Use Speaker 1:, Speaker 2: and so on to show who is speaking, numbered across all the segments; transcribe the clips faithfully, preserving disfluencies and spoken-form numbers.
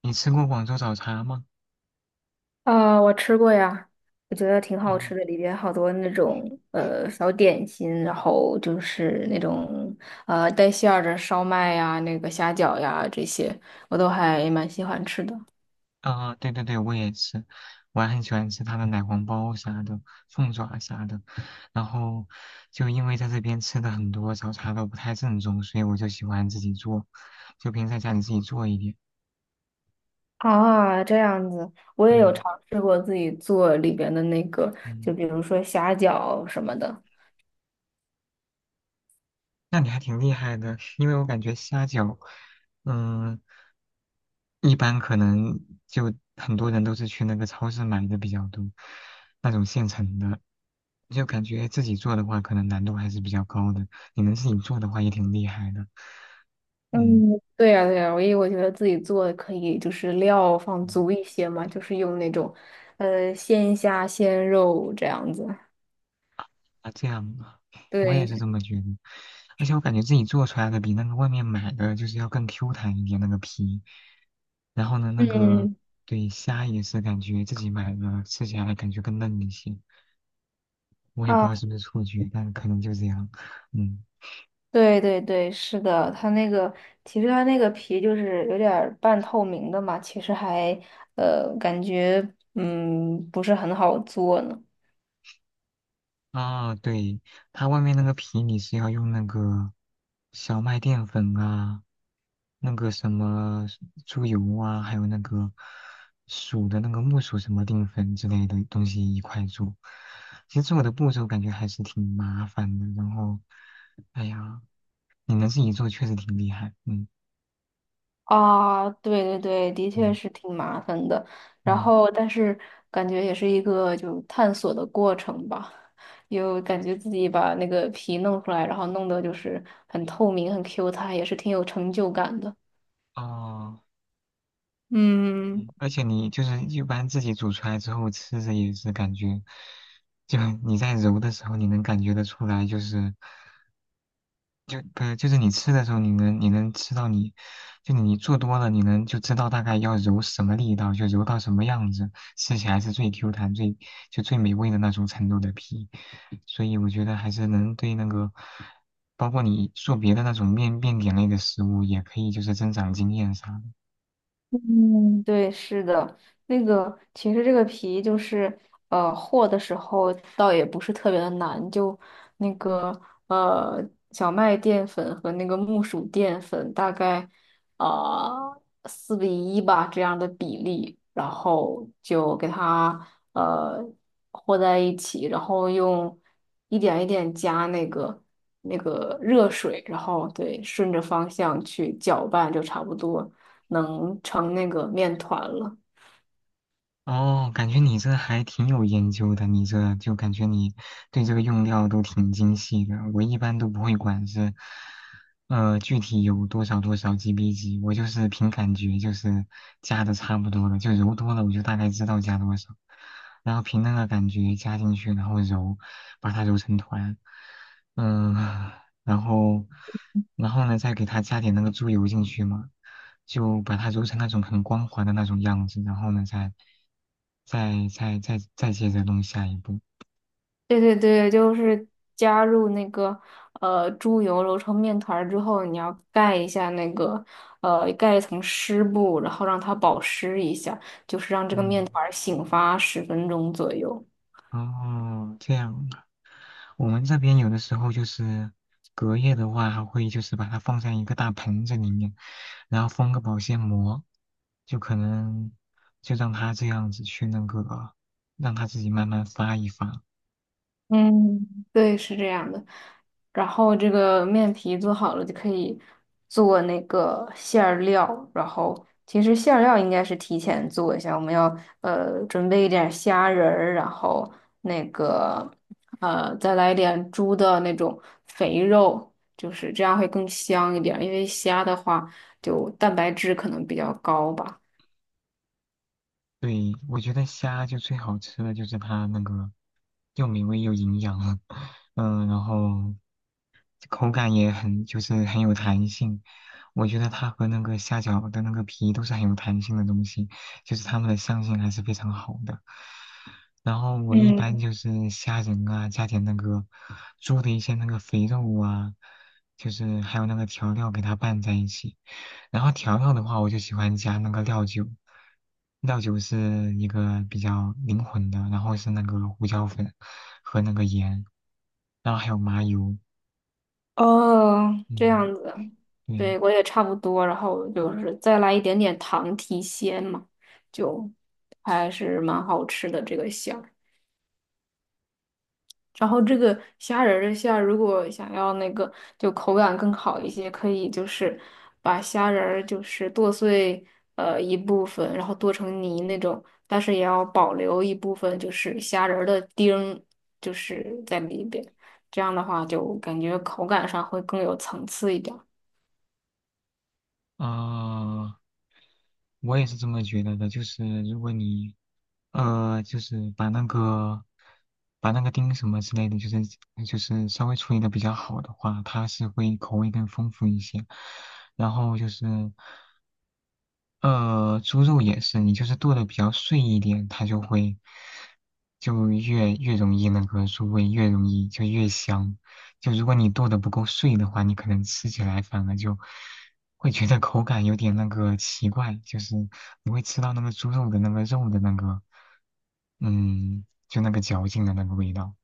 Speaker 1: 你吃过广州早茶吗？
Speaker 2: 啊、我吃过呀，我觉得挺
Speaker 1: 啊
Speaker 2: 好吃的，里边好多那种呃小点心，然后就是那种呃带馅儿的烧麦呀、那个虾饺呀这些，我都还蛮喜欢吃的。
Speaker 1: 啊，对对对，我也吃，我还很喜欢吃它的奶黄包啥的，凤爪啥的。然后就因为在这边吃的很多早茶都不太正宗，所以我就喜欢自己做，就平时在家里自己做一点。
Speaker 2: 啊，这样子，我也有
Speaker 1: 嗯
Speaker 2: 尝试过自己做里边的那个，就
Speaker 1: 嗯。
Speaker 2: 比如说虾饺什么的。
Speaker 1: 那你还挺厉害的，因为我感觉虾饺，嗯，一般可能就很多人都是去那个超市买的比较多，那种现成的，就感觉自己做的话，可能难度还是比较高的。你能自己做的话，也挺厉害的，
Speaker 2: 嗯，
Speaker 1: 嗯。
Speaker 2: 对呀，对呀，我因为我觉得自己做可以，就是料放足一些嘛，就是用那种呃鲜虾、鲜肉这样子。
Speaker 1: 啊，这样啊，我也是
Speaker 2: 对，
Speaker 1: 这么觉得。而且我感觉自己做出来的比那个外面买的就是要更 Q 弹一点那个皮。然后呢，那个
Speaker 2: 嗯，
Speaker 1: 对虾也是感觉自己买的，吃起来感觉更嫩一些。我也不知
Speaker 2: 啊，
Speaker 1: 道是不是错觉，但可能就这样。嗯
Speaker 2: 对对对，是的，它那个其实它那个皮就是有点儿半透明的嘛，其实还呃感觉嗯不是很好做呢。
Speaker 1: 啊，对，它外面那个皮你是要用那个小麦淀粉啊，那个什么猪油啊，还有那个薯的那个木薯什么淀粉之类的东西一块做。其实做的步骤感觉还是挺麻烦的，然后，哎呀，你能自己做确实挺厉害，嗯
Speaker 2: 啊，对对对，的确
Speaker 1: 嗯
Speaker 2: 是挺麻烦的。然
Speaker 1: 嗯，
Speaker 2: 后，但是感觉也是一个就探索的过程吧，又感觉自己把那个皮弄出来，然后弄得就是很透明、很 Q 弹，也是挺有成就感的。
Speaker 1: 哦。
Speaker 2: 嗯。
Speaker 1: 而且你就是一般自己煮出来之后吃着也是感觉，就你在揉的时候你能感觉得出来，就是就不是就是你吃的时候你能你能吃到你，就你做多了你能就知道大概要揉什么力道，就揉到什么样子，吃起来是最 Q 弹最就最美味的那种程度的皮，所以我觉得还是能对那个。包括你做别的那种面面点类的食物，也可以就是增长经验啥的。
Speaker 2: 嗯，对，是的，那个其实这个皮就是，呃，和的时候倒也不是特别的难，就那个呃小麦淀粉和那个木薯淀粉大概啊四比一吧这样的比例，然后就给它呃和在一起，然后用一点一点加那个那个热水，然后对顺着方向去搅拌就差不多。能成那个面团了。
Speaker 1: 哦，感觉你这还挺有研究的，你这就感觉你对这个用料都挺精细的。我一般都不会管是，呃，具体有多少多少 G B 级，我就是凭感觉，就是加的差不多了，就揉多了，我就大概知道加多少，然后凭那个感觉加进去，然后揉，把它揉成团。嗯，然后，然后呢，再给它加点那个猪油进去嘛，就把它揉成那种很光滑的那种样子，然后呢，再，再再再再接着弄下一步。
Speaker 2: 对对对，就是加入那个呃猪油揉成面团儿之后，你要盖一下那个呃盖一层湿布，然后让它保湿一下，就是让这个面
Speaker 1: 嗯，
Speaker 2: 团儿醒发十分钟左右。
Speaker 1: 哦，这样，我们这边有的时候就是隔夜的话，还会就是把它放在一个大盆子里面，然后封个保鲜膜，就可能就让它这样子去那个，让它自己慢慢发一发。
Speaker 2: 嗯，对，是这样的。然后这个面皮做好了就可以做那个馅儿料，然后其实馅儿料应该是提前做一下，我们要呃准备一点虾仁儿，然后那个呃再来一点猪的那种肥肉，就是这样会更香一点儿，因为虾的话就蛋白质可能比较高吧。
Speaker 1: 对，我觉得虾就最好吃的就是它那个又美味又营养，嗯，然后口感也很就是很有弹性。我觉得它和那个虾饺的那个皮都是很有弹性的东西，就是它们的相性还是非常好的。然后我一般
Speaker 2: 嗯。
Speaker 1: 就是虾仁啊，加点那个猪的一些那个肥肉啊，就是还有那个调料给它拌在一起。然后调料的话，我就喜欢加那个料酒，料酒是一个比较灵魂的，然后是那个胡椒粉和那个盐，然后还有麻油，
Speaker 2: 哦，这
Speaker 1: 嗯。
Speaker 2: 样子，
Speaker 1: 对
Speaker 2: 对，我也差不多，然后就是再来一点点糖提鲜嘛，就还是蛮好吃的这个馅儿。然后这个虾仁儿的馅儿，如果想要那个就口感更好一些，可以就是把虾仁儿就是剁碎呃一部分，然后剁成泥那种，但是也要保留一部分就是虾仁儿的丁儿，就是在里边，这样的话就感觉口感上会更有层次一点儿。
Speaker 1: 啊，我也是这么觉得的。就是如果你呃，就是把那个把那个丁什么之类的，就是就是稍微处理的比较好的话，它是会口味更丰富一些。然后就是呃，猪肉也是，你就是剁的比较碎一点，它就会就越越容易那个入味，越容易就越香。就如果你剁的不够碎的话，你可能吃起来反而就会觉得口感有点那个奇怪，就是你会吃到那个猪肉的那个肉的那个，嗯，就那个嚼劲的那个味道。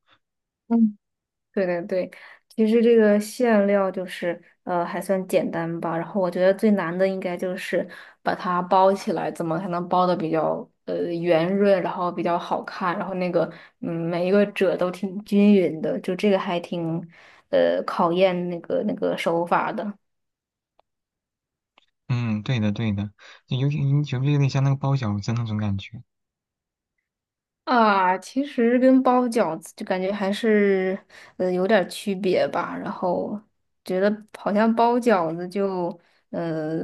Speaker 2: 对对对，其实这个馅料就是呃还算简单吧，然后我觉得最难的应该就是把它包起来，怎么才能包的比较呃圆润，然后比较好看，然后那个嗯每一个褶都挺均匀的，就这个还挺呃考验那个那个手法的。
Speaker 1: 嗯，对的对的，就有点有点有点像那个包饺子那种感觉。
Speaker 2: 啊，其实跟包饺子就感觉还是呃有点儿区别吧。然后觉得好像包饺子就呃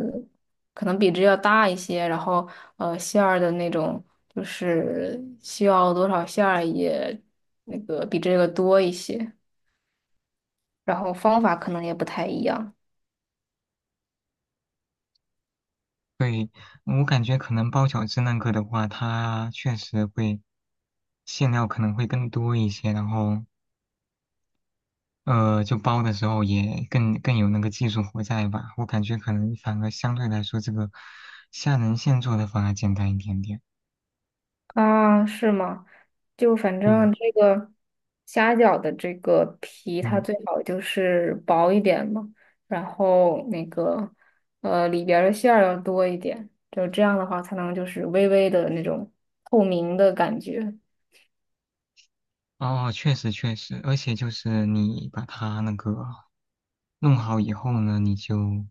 Speaker 2: 可能比这要大一些，然后呃馅儿的那种就是需要多少馅儿也那个比这个多一些，然后方法可能也不太一样。
Speaker 1: 对，我感觉可能包饺子那个的话，它确实会馅料可能会更多一些，然后呃，就包的时候也更更有那个技术活在吧。我感觉可能反而相对来说，这个虾仁馅做的反而简单一点点。
Speaker 2: 啊，是吗？就反
Speaker 1: 对呀，
Speaker 2: 正这个虾饺的这个皮，它
Speaker 1: 嗯。
Speaker 2: 最好就是薄一点嘛，然后那个呃里边儿的馅儿要多一点，就这样的话才能就是微微的那种透明的感觉。
Speaker 1: 哦，确实确实，而且就是你把它那个弄好以后呢，你就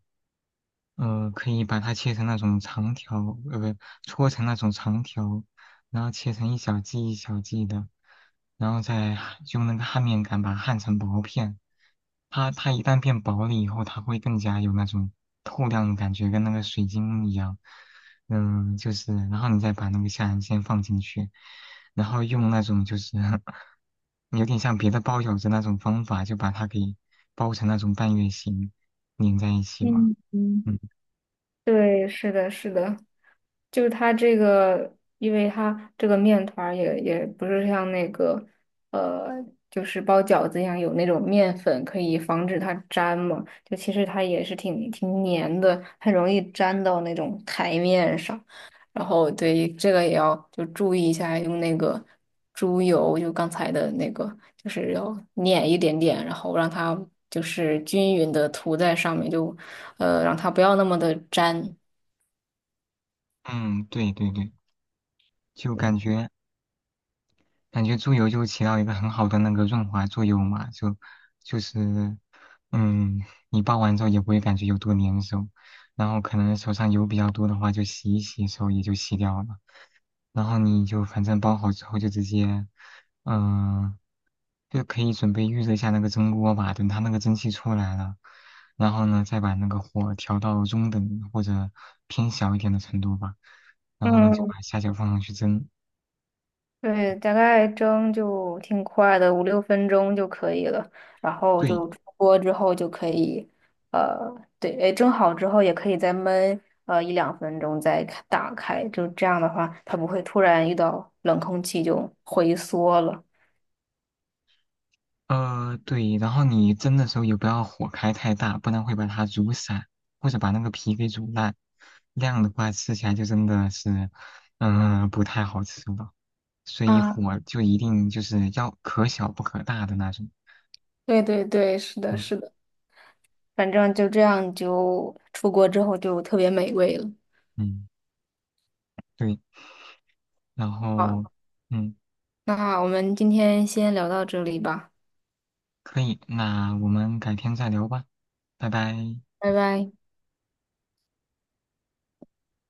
Speaker 1: 呃可以把它切成那种长条，呃不，搓成那种长条，然后切成一小剂一小剂的，然后再焊用那个焊面杆把它焊成薄片。它它一旦变薄了以后，它会更加有那种透亮的感觉，跟那个水晶一样。嗯，就是，然后你再把那个下眼线放进去。然后用那种就是 有点像别的包饺子那种方法，就把它给包成那种半月形，粘在一起嘛。
Speaker 2: 嗯嗯。
Speaker 1: 嗯
Speaker 2: 对，是的，是的，就是它这个，因为它这个面团儿也也不是像那个，呃，就是包饺子一样有那种面粉可以防止它粘嘛，就其实它也是挺挺粘的，很容易粘到那种台面上。然后对这个也要就注意一下，用那个猪油，就刚才的那个就是要碾一点点，然后让它就是均匀的涂在上面，就呃让它不要那么的粘。
Speaker 1: 嗯，对对对，就感觉感觉猪油就起到一个很好的那个润滑作用嘛，就就是嗯，你包完之后也不会感觉有多粘手，然后可能手上油比较多的话，就洗一洗手也就洗掉了。然后你就反正包好之后就直接，嗯、就可以准备预热一下那个蒸锅吧，等它那个蒸汽出来了，然后呢再把那个火调到中等或者偏小一点的程度吧，然后呢就
Speaker 2: 嗯，
Speaker 1: 把虾饺放上去蒸。
Speaker 2: 对，大概蒸就挺快的，五六分钟就可以了。然后
Speaker 1: 对，
Speaker 2: 就出锅之后就可以，呃，对，哎，蒸好之后也可以再焖呃一两分钟再开打开，就这样的话，它不会突然遇到冷空气就回缩了。
Speaker 1: 呃对，然后你蒸的时候也不要火开太大，不然会把它煮散，或者把那个皮给煮烂。那样的话吃起来就真的是，嗯、不太好吃了。所以
Speaker 2: 啊，
Speaker 1: 火就一定就是要可小不可大的那种。
Speaker 2: 对对对，是的，
Speaker 1: 嗯
Speaker 2: 是的。反正就这样，就出国之后就特别美味了。
Speaker 1: 嗯，对。然后
Speaker 2: 好，
Speaker 1: 嗯，
Speaker 2: 那我们今天先聊到这里吧，
Speaker 1: 可以，那我们改天再聊吧，拜拜。
Speaker 2: 拜拜。